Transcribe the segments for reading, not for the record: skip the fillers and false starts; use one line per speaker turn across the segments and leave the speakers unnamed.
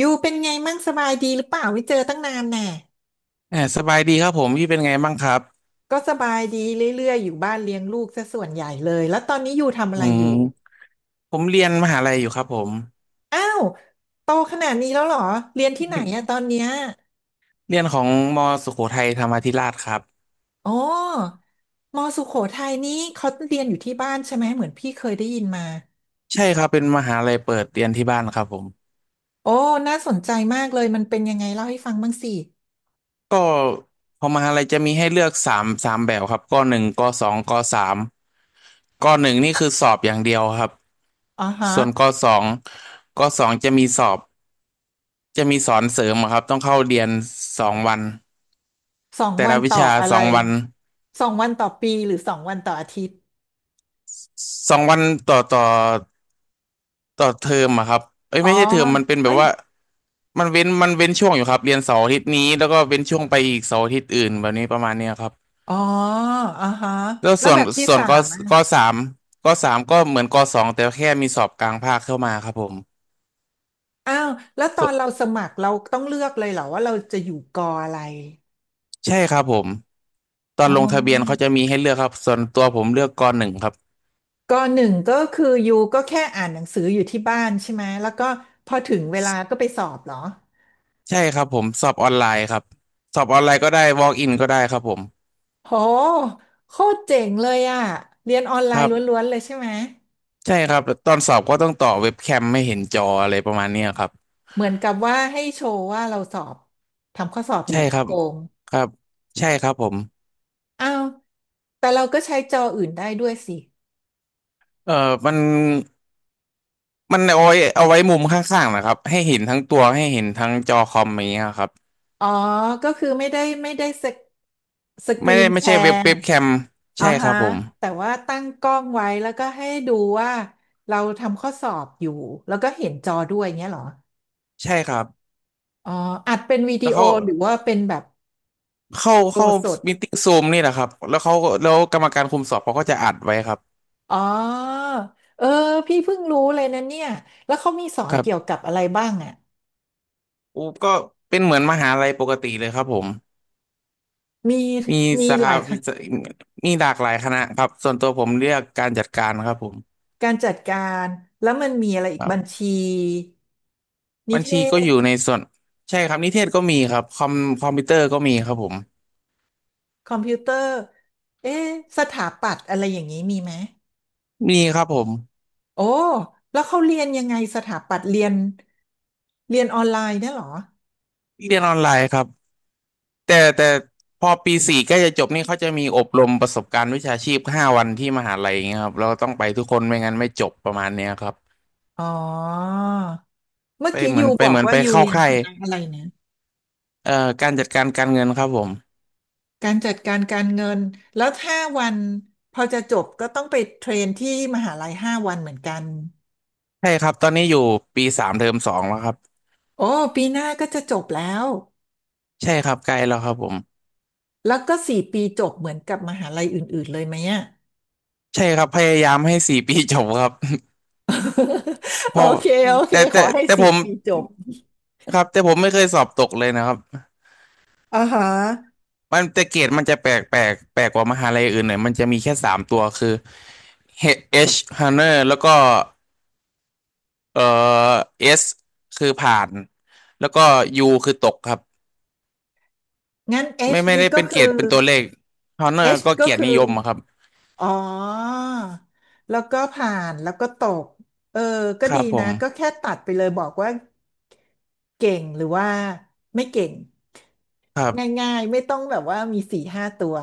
ยูเป็นไงมั่งสบายดีหรือเปล่าไม่เจอตั้งนานแน่
เออสบายดีครับผมพี่เป็นไงบ้างครับ
ก็สบายดีเรื่อยๆอยู่บ้านเลี้ยงลูกซะส่วนใหญ่เลยแล้วตอนนี้ยูทำอะ
อื
ไรอยู่
มผมเรียนมหาลัยอยู่ครับผม
อ้าวโตขนาดนี้แล้วเหรอเรียนที่ไหนอะตอนเนี้ย
เรียนของมสุโขทัยธรรมาธิราชครับ
อ๋อมอสุโขทัยนี้เขาเรียนอยู่ที่บ้านใช่ไหมเหมือนพี่เคยได้ยินมา
ใช่ครับเป็นมหาลัยเปิดเรียนที่บ้านครับผม
โอ้น่าสนใจมากเลยมันเป็นยังไงเล่าให้ฟังบ้างสิ
ก็ของมหาลัยจะมีให้เลือกสามแบบครับกหนึ่งกสองกสามกหนึ่งนี่คือสอบอย่างเดียวครับ
อ๋อฮะ
ส่วนกสองจะมีสอนเสริมอะครับต้องเข้าเรียนสองวัน
สอง
แต่
วั
ละ
น
วิ
ต่อ
ชา
อะ
ส
ไร
องวัน
สองวันต่อปีหรือสองวันต่ออาทิตย์
สองวันต่อต่อ ต่อเทอมอะครับเอ้ย
อ๋อ
ไม่ใช่เทอมมันเป็นแบ
เอ้
บ
ย
ว่ามันเว้นช่วงอยู่ครับเรียนเสาร์อาทิตย์นี้แล้วก็เว้นช่วงไปอีกเสาร์อาทิตย์อื่นแบบนี้ประมาณเนี้ยครับ
อ๋ออ่าฮะ
แล้ว
แล้ว
ส่วน
แบบที่
ส่วน
สา
ก
ม
ก
อ่ะ
สามกสามก็เหมือนกสองแต่แค่มีสอบกลางภาคเข้ามาครับผม
อ้าวแล้วตอ
ส
น
น
เราสมัครเราต้องเลือกเลยเหรอว่าเราจะอยู่กออะไร
ใช่ครับผมตอน
อ๋
ลงทะเบียนเขา
อ
จะมีให้เลือกครับส่วนตัวผมเลือกกหนึ่งครับ
กอหนึ่งก็คือยูก็แค่อ่านหนังสืออยู่ที่บ้านใช่ไหมแล้วก็พอถึงเวลาก็ไปสอบเหรอ
ใช่ครับผมสอบออนไลน์ครับสอบออนไลน์ก็ได้ walk in ก็ได้ครับผม
โหโคตรเจ๋งเลยอ่ะ เรียนออนไล
ครั
น์
บ
ล้วนๆเลยใช่ไหม
ใช่ครับตอนสอบก็ต้องต่อเว็บแคมไม่เห็นจออะไรประมาณเนี้ยครับ
เหมือนกับว่าให้โชว์ว่าเราสอบทำข้อสอบอยู่
ใช่ค
ไม่
รับ
โกง
ครับใช่ครับผม
อ้าวแต่เราก็ใช้จออื่นได้ด้วยสิ
เอ่อมันมันเอาไว้มุมข้างๆนะครับให้เห็นทั้งตัวให้เห็นทั้งจอคอมอย่างเงี้ยครับ
อ๋อ ก็คือไม่ได้สก
ไม่
รี
ได้
น
ไม่
แช
ใช่เว็บ
ร์
เว็บแคม
อ่า
ใช่ครั
ฮะ
บผม
แต่ว่าตั้งกล้องไว้แล้วก็ให้ดูว่าเราทำข้อสอบอยู่แล้วก็เห็นจอด้วยเงี้ยเหรอ
ใช่ครับ
อ๋ออัดเป็นวิดี
แล้ว
โอ
เขา
หรือว่าเป็นแบบ
เข้า
โด
เข้า
สด
มีติ้งซูมนี่แหละครับแล้วกรรมการคุมสอบเขาก็จะอัดไว้ครับ
อ๋อเออพี่เพิ่งรู้เลยนะเนี่ย แล้วเขามีสอ
ค
น
รั
เกี่ยว
บ
กับอะไรบ้างอ่ะ
อูก็เป็นเหมือนมหาลัยปกติเลยครับผม
มี
มี
มี
สา
ห
ขา
ลายค่ะ
มีหลากหลายคณะครับส่วนตัวผมเลือกการจัดการครับผม
การจัดการแล้วมันมีอะไรอี
ค
ก
รั
บัญ
บ
ชีนิ
บัญ
เท
ชีก็อยู่ในส่วนใช่ครับนิเทศก็มีครับคอมพิวเตอร์ก็มีครับผม
คอมพิวเตอร์เอ๊ะสถาปัตย์อะไรอย่างนี้มีไหม
มีครับผม
โอ้แล้วเขาเรียนยังไงสถาปัตย์เรียนเรียนออนไลน์เนี่ยเหรอ
เรียนออนไลน์ครับแต่พอปีสี่ใกล้จะจบนี่เขาจะมีอบรมประสบการณ์วิชาชีพห้าวันที่มหาลัยอย่างเงี้ยครับเราต้องไปทุกคนไม่งั้นไม่จบประมาณเนี้ยครับ
อ๋อเมื่อ
ไป
กี้
เหมือ
ยู
นไป
บอ
เห
ก
มือน
ว่า
ไป
ยู
เข้า
เรียน
ค่า
ค
ย
ณะอะไรนะ
การจัดการการเงินครับผม
การจัดการการเงินแล้วห้าวันพอจะจบก็ต้องไปเทรนที่มหาลัยห้าวันเหมือนกัน
ใช่ครับตอนนี้อยู่ปีสามเทอมสองแล้วครับ
โอ้ ปีหน้าก็จะจบแล้ว
ใช่ครับใกล้แล้วครับผม
แล้วก็สี่ปีจบเหมือนกับมหาลัยอื่นๆเลยไหมอะ
ใช่ครับพยายามให้สี่ ปีจบครับ เพ
โอ
ราะ
เคโอเค
แต่
ขอ
แต่
ให้
แต่ผ
สี่
ม
ปีจบ
ครับแต่ผมไม่เคยสอบตกเลยนะครับ
อ่าฮะ
มันแต่เกรดมันจะแปลกกว่ามหาลัยอื่นหน่อยมันจะมีแค่สามตัวคือ H Honor แล้วก็เอ่อ S คือผ่านแล้วก็ U คือตกครับ
งั้น H
ไม่
นี่
ได้
ก็
เป็นเกร
คือ
ดเป็นตัวเลข Honor
H
ก็
ก็
เกียรติ
คือ
นิยมอะครับ
อ๋อแล้วก็ผ่านแล้วก็ตกเออก็
ค
ดี
รับผ
นะ
ม
ก็แค่ตัดไปเลยบอกว่าเก่งหรือว่าไม่เก่ง
ครับ
ง่ายๆไม่ต้องแบบว่ามีสี่ห้าตัว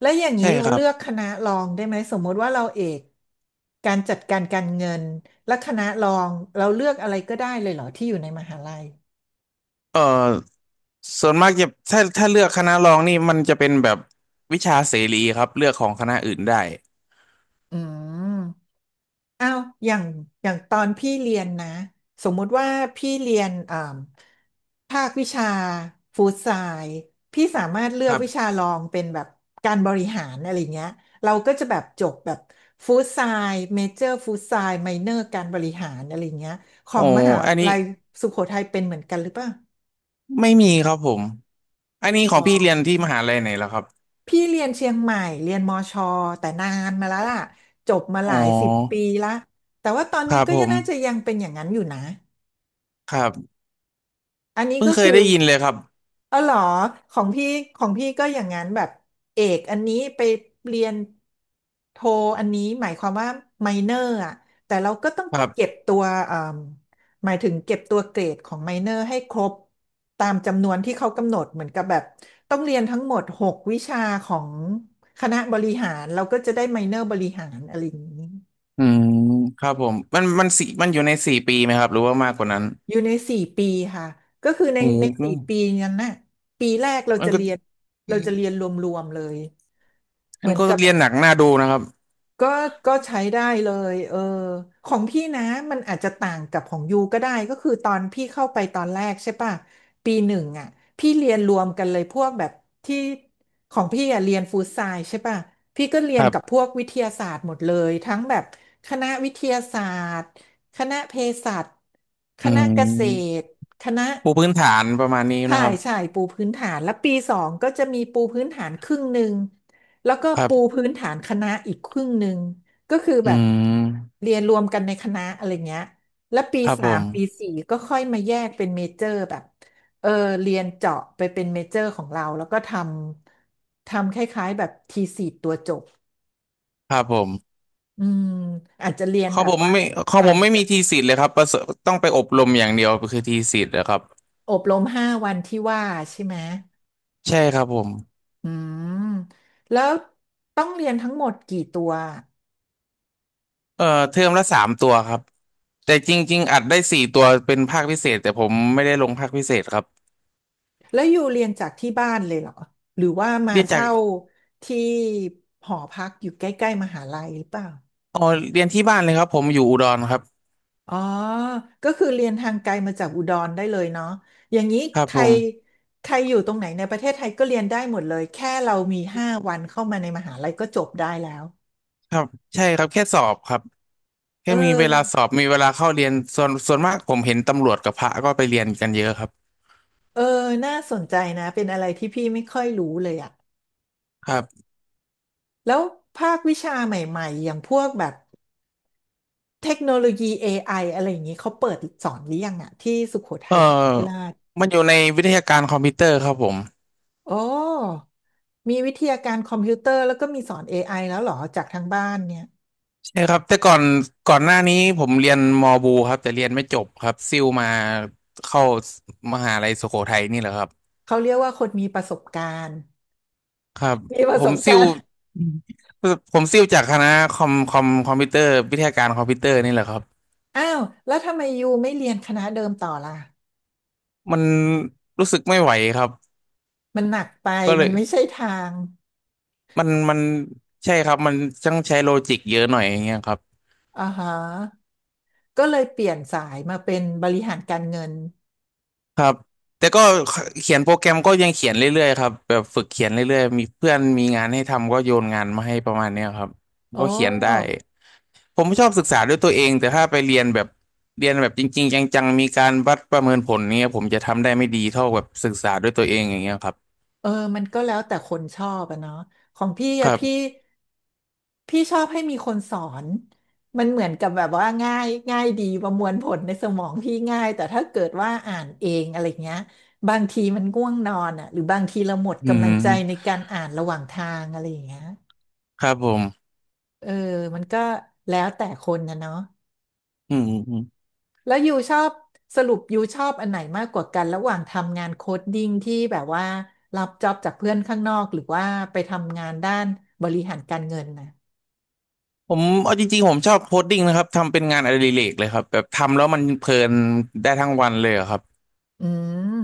แล้วอย่าง
ใช่
นี้เรา
ครั
เลื
บ
อกคณะรองได้ไหมสมมติว่าเราเอกการจัดการการเงินและคณะรองเราเลือกอะไรก็ได้เลยเหรอที่อยู่ในมหาลัย
เอ่อส่วนมากจะถ้าเลือกคณะรองนี่มันจะเป็นแบบวิชาเสรีครับเลือกของคณะอื่นได้
อืม อ้าวอย่างอย่างตอนพี่เรียนนะ สมมุติว่าพี่เรียนอ่าภาควิชาฟู้ดไซน์พี่สามารถเลื
ค
อก
รั
วิชา
บ
รองเป็นแบบการบริหารอะไรเงี้ยเราก็จะแบบจบแบบฟู้ดไซน์เมเจอร์ฟู้ดไซน์ไมเนอร์การบริหารอะไรเงี้ยขอ
โอ้
งมหา
อันนี้
ลัยสุโขทัยเป็นเหมือนกันหรือเปล่า
ไม่มีครับผม อันนี้ข
อ๋
องพี่เรียนที่ม
อ
หาลัยไหนแล้วครับ
พี่เรียนเชียงใหม่เรียนมอชอแต่นานมาแล้วล่ะจบมาห
อ๋อ
ลายสิบปีละ แต่ว่าตอน
ค
นี้
รับ
ก็
ผ
ยัง
ม
น่าจะยังเป็นอย่างนั้นอยู่นะ
ครับ
อันนี้
เพิ่ง
ก็
เคย
คือ
ได้ยินเลยครับ
เออเหรอของพี่ของพี่ก็อย่างนั้นแบบเอกอันนี้ไปเรียนโทอันนี้หมายความว่าไมเนอร์อ่ะแต่เราก็ต้อง
ครั
เก็บ
บ
ตัวหมายถึงเก็บตัวเกรดของไมเนอร์ให้ครบตามจำนวนที่เขากำหนดเหมือนกับแบบต้องเรียนทั้งหมด6 วิชาของคณะบริหารเราก็จะได้ไมเนอร์บริหารอะไรอย่างนี้
อืมครับผมมันสี่มันอยู่ในสี่ปีไหมครับหรือว่ามากกว่านั้น
อยู่ใน4 ปีค่ะ ก็คือใน
โอ้
ใน
โห
4 ปีนั้นน่ะปีแรกเรา
มัน
จะ
ก็
เรียน
อื
เรา
ม
จะเรียนรวมๆเลย เห
มั
มื
น
อน
ก็
กับ
เรียนหนักหน้าดูนะครับ
ก็ก็ใช้ได้เลยเออของพี่นะมันอาจจะต่างกับของยูก็ได้ก็คือตอนพี่เข้าไปตอนแรกใช่ป่ะปีหนึ่งอ่ะพี่เรียนรวมกันเลยพวกแบบที่ของพี่อ่ะเรียนฟู้ดไซน์ใช่ป่ะพี่ก็เรี
ค
ยน
รั
กับพ
บ
วกวิทยาศาสตร์หมดเลยทั้งแบบคณะวิทยาศาสตร์คณะเภสัชค
อื
ณะเกษ
ม
ตรคณะ
ปูพื้นฐานประมาณนี้
ใช่
นะครับ
ใช่ปูพื้นฐานแล้วปีสองก็จะมีปูพื้นฐานครึ่งหนึ่งแล้วก็
ครั
ปู
บ
พื้นฐานคณะอีกครึ่งหนึ่งก็คือ
อื
แบบ
ม
เรียนรวมกันในคณะอะไรเงี้ยแล้วปี
ครับ
สา
ผ
มปี
ม
สี่ก็ค่อยมาแยกเป็นเมเจอร์แบบเออเรียนเจาะไปเป็นเมเจอร์ของเราแล้วก็ทำคล้ายๆแบบทีสีตัวจบ
ครับผม
อืมอาจจะเรียน
ขอ
แบ
ง
บ
ผม
ว่า
ไม่ของผ
ต่า
ม
ง
ไม่
กั
มี
น
ทีสิทธิ์เลยครับประเสริฐต้องไปอบรมอย่างเดียวคือทีสิทธิ์นะครับ
อบรมห้าวันที่ว่าใช่ไหม
ใช่ครับผม
อืมแล้วต้องเรียนทั้งหมดกี่ตัว
เอ่อเทอมละสามตัวครับ แต่จริงๆอัดได้สี่ตัวเป็นภาคพิเศษแต่ผมไม่ได้ลงภาคพิเศษครับ
แล้วอยู่เรียนจากที่บ้านเลยเหรอหรือว่ามา
เรียนจาก
เช่าที่หอพักอยู่ใกล้ๆมหาลัยหรือเปล่า
อ๋อเรียนที่บ้านเลยครับผมอยู่อุดรครับ
อ๋อก็คือเรียนทางไกลมาจากอุดรได้เลยเนาะอย่างนี้
ครับ
ใค
ผ
ร
ม
ใครอยู่ตรงไหนในประเทศไทยก็เรียนได้หมดเลยแค่เรามี5 วันเข้ามาในมหาลัยก็จบได้แล้ว
ครับใช่ครับแค่สอบครับแค่
เอ
มีเว
อ
ลาสอบมีเวลาเข้าเรียนส่วนมากผมเห็นตำรวจกับพระก็ไปเรียนกันเยอะครับ
เออน่าสนใจนะเป็นอะไรที่พี่ไม่ค่อยรู้เลยอะ
ครับ
แล้วภาควิชาใหม่ๆอย่างพวกแบบ เทคโนโลยี AI อไออะไรอย่างนี้เขาเปิดสอนหรือยังอะที่สุโขทั
เอ่อ
ยธรรมาธิราช
มันอยู่ในวิทยาการคอมพิวเตอร์ครับผม
โอ้ มีวิทยาการคอมพิวเตอร์แล้วก็มีสอน AI แล้วเหรอจากทางบ้านเนี่ย
ใช่ครับแต่ก่อนก่อนหน้านี้ผมเรียนมอบูครับแต่เรียนไม่จบครับซิ่วมาเข้ามหาลัยสุโขทัยนี่แหละครับ
เขาเรียกว่าคนมีประสบการณ์
ครับ
มีป
ผ
ระส
ม
บกา
ซิ่ว
รณ์
ผมซิ่วจากคณะคอมพิวเตอร์วิทยาการคอมพิวเตอร์นี่แหละครับ
อ้าวแล้วทำไมยูไม่เรียนคณะเดิมต่อล่ะ
มันรู้สึกไม่ไหวครับ
มันหนักไป
ก็เล
มัน
ย
ไม่ใช่ทาง
มันใช่ครับมันต้องใช้โลจิกเยอะหน่อยอย่างเงี้ยครับ
อ่าฮะก็เลยเปลี่ยนสายมาเป็นบริหารการเงิน
ครับแต่ก็เขียนโปรแกรมก็ยังเขียนเรื่อยๆครับแบบฝึกเขียนเรื่อยๆมีเพื่อนมีงานให้ทำก็โยนงานมาให้ประมาณเนี้ยครับ
โอ
ก็เขียนได้
้
ผมชอบศึกษาด้วยตัวเองแต่ถ้าไปเรียนแบบเรียนแบบจริงๆจังๆมีการวัดประเมินผลเนี้ยผมจะทำได้ไม่ดีเท่าแบบศึกษาด้วยตัวเองอย่างเงี้ยครับ
เออมันก็แล้วแต่คนชอบอะเนาะของพี่
ค
อะ
รับ
พี่ชอบให้มีคนสอนมันเหมือนกับแบบว่าง่ายง่ายดีประมวลผลในสมองพี่ง่ายแต่ถ้าเกิดว่าอ่านเองอะไรเงี้ยบางทีมันง่วงนอนอะหรือบางทีเราหมด
อื
กำลังใจใน
ม
การอ่านระหว่างทางอะไรอย่างเงี้ย
ครับผม
เออมันก็แล้วแต่คนนะเนาะ
อืมอืม
แล้วยูชอบสรุปยูชอบอันไหนมากกว่ากันระหว่างทำงานโค้ดดิ้งที่แบบว่ารับจ็อบจากเพื่อนข้างนอกหรือว่าไปทำงานด้านบริหารการเงินนะ
ผมเอาจริงๆผมชอบโคดดิ้งนะครับทำเป็นงานอดิเรกเลยครับแบบทำแล้วมันเพลินได้ทั้งวันเลยอะครับ
อืม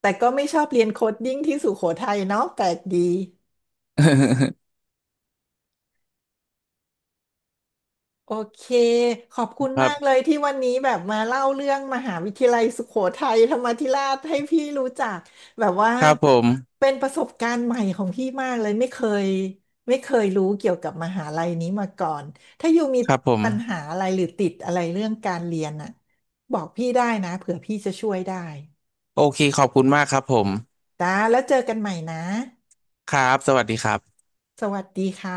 แต่ก็ไม่ชอบเรียนโค้ดดิ้งที่สุโขทัยเนาะแปลกดี โอเคขอบคุณ
ครั
มา
บ
กเลยที่วันนี้แบบมาเล่าเรื่องมหาวิทยาลัยสุโขทัยธรรมาธิราชให้พี่รู้จักแบบว่า
ครับผม
เป็นประสบการณ์ใหม่ของพี่มากเลยยไม่เคยรู้เกี่ยวกับมหาลัยนี้มาก่อนถ้าอยู่มี
ครับผม
ปัญหาอะไรหรือติดอะไรเรื่องการเรียนอ่ะบอกพี่ได้นะเผื่อพี่จะช่วยได้
โอเคขอบคุณมากครับผม
นะแล้วเจอกันใหม่นะ
ครับสวัสดีครับ
สวัสดีค่ะ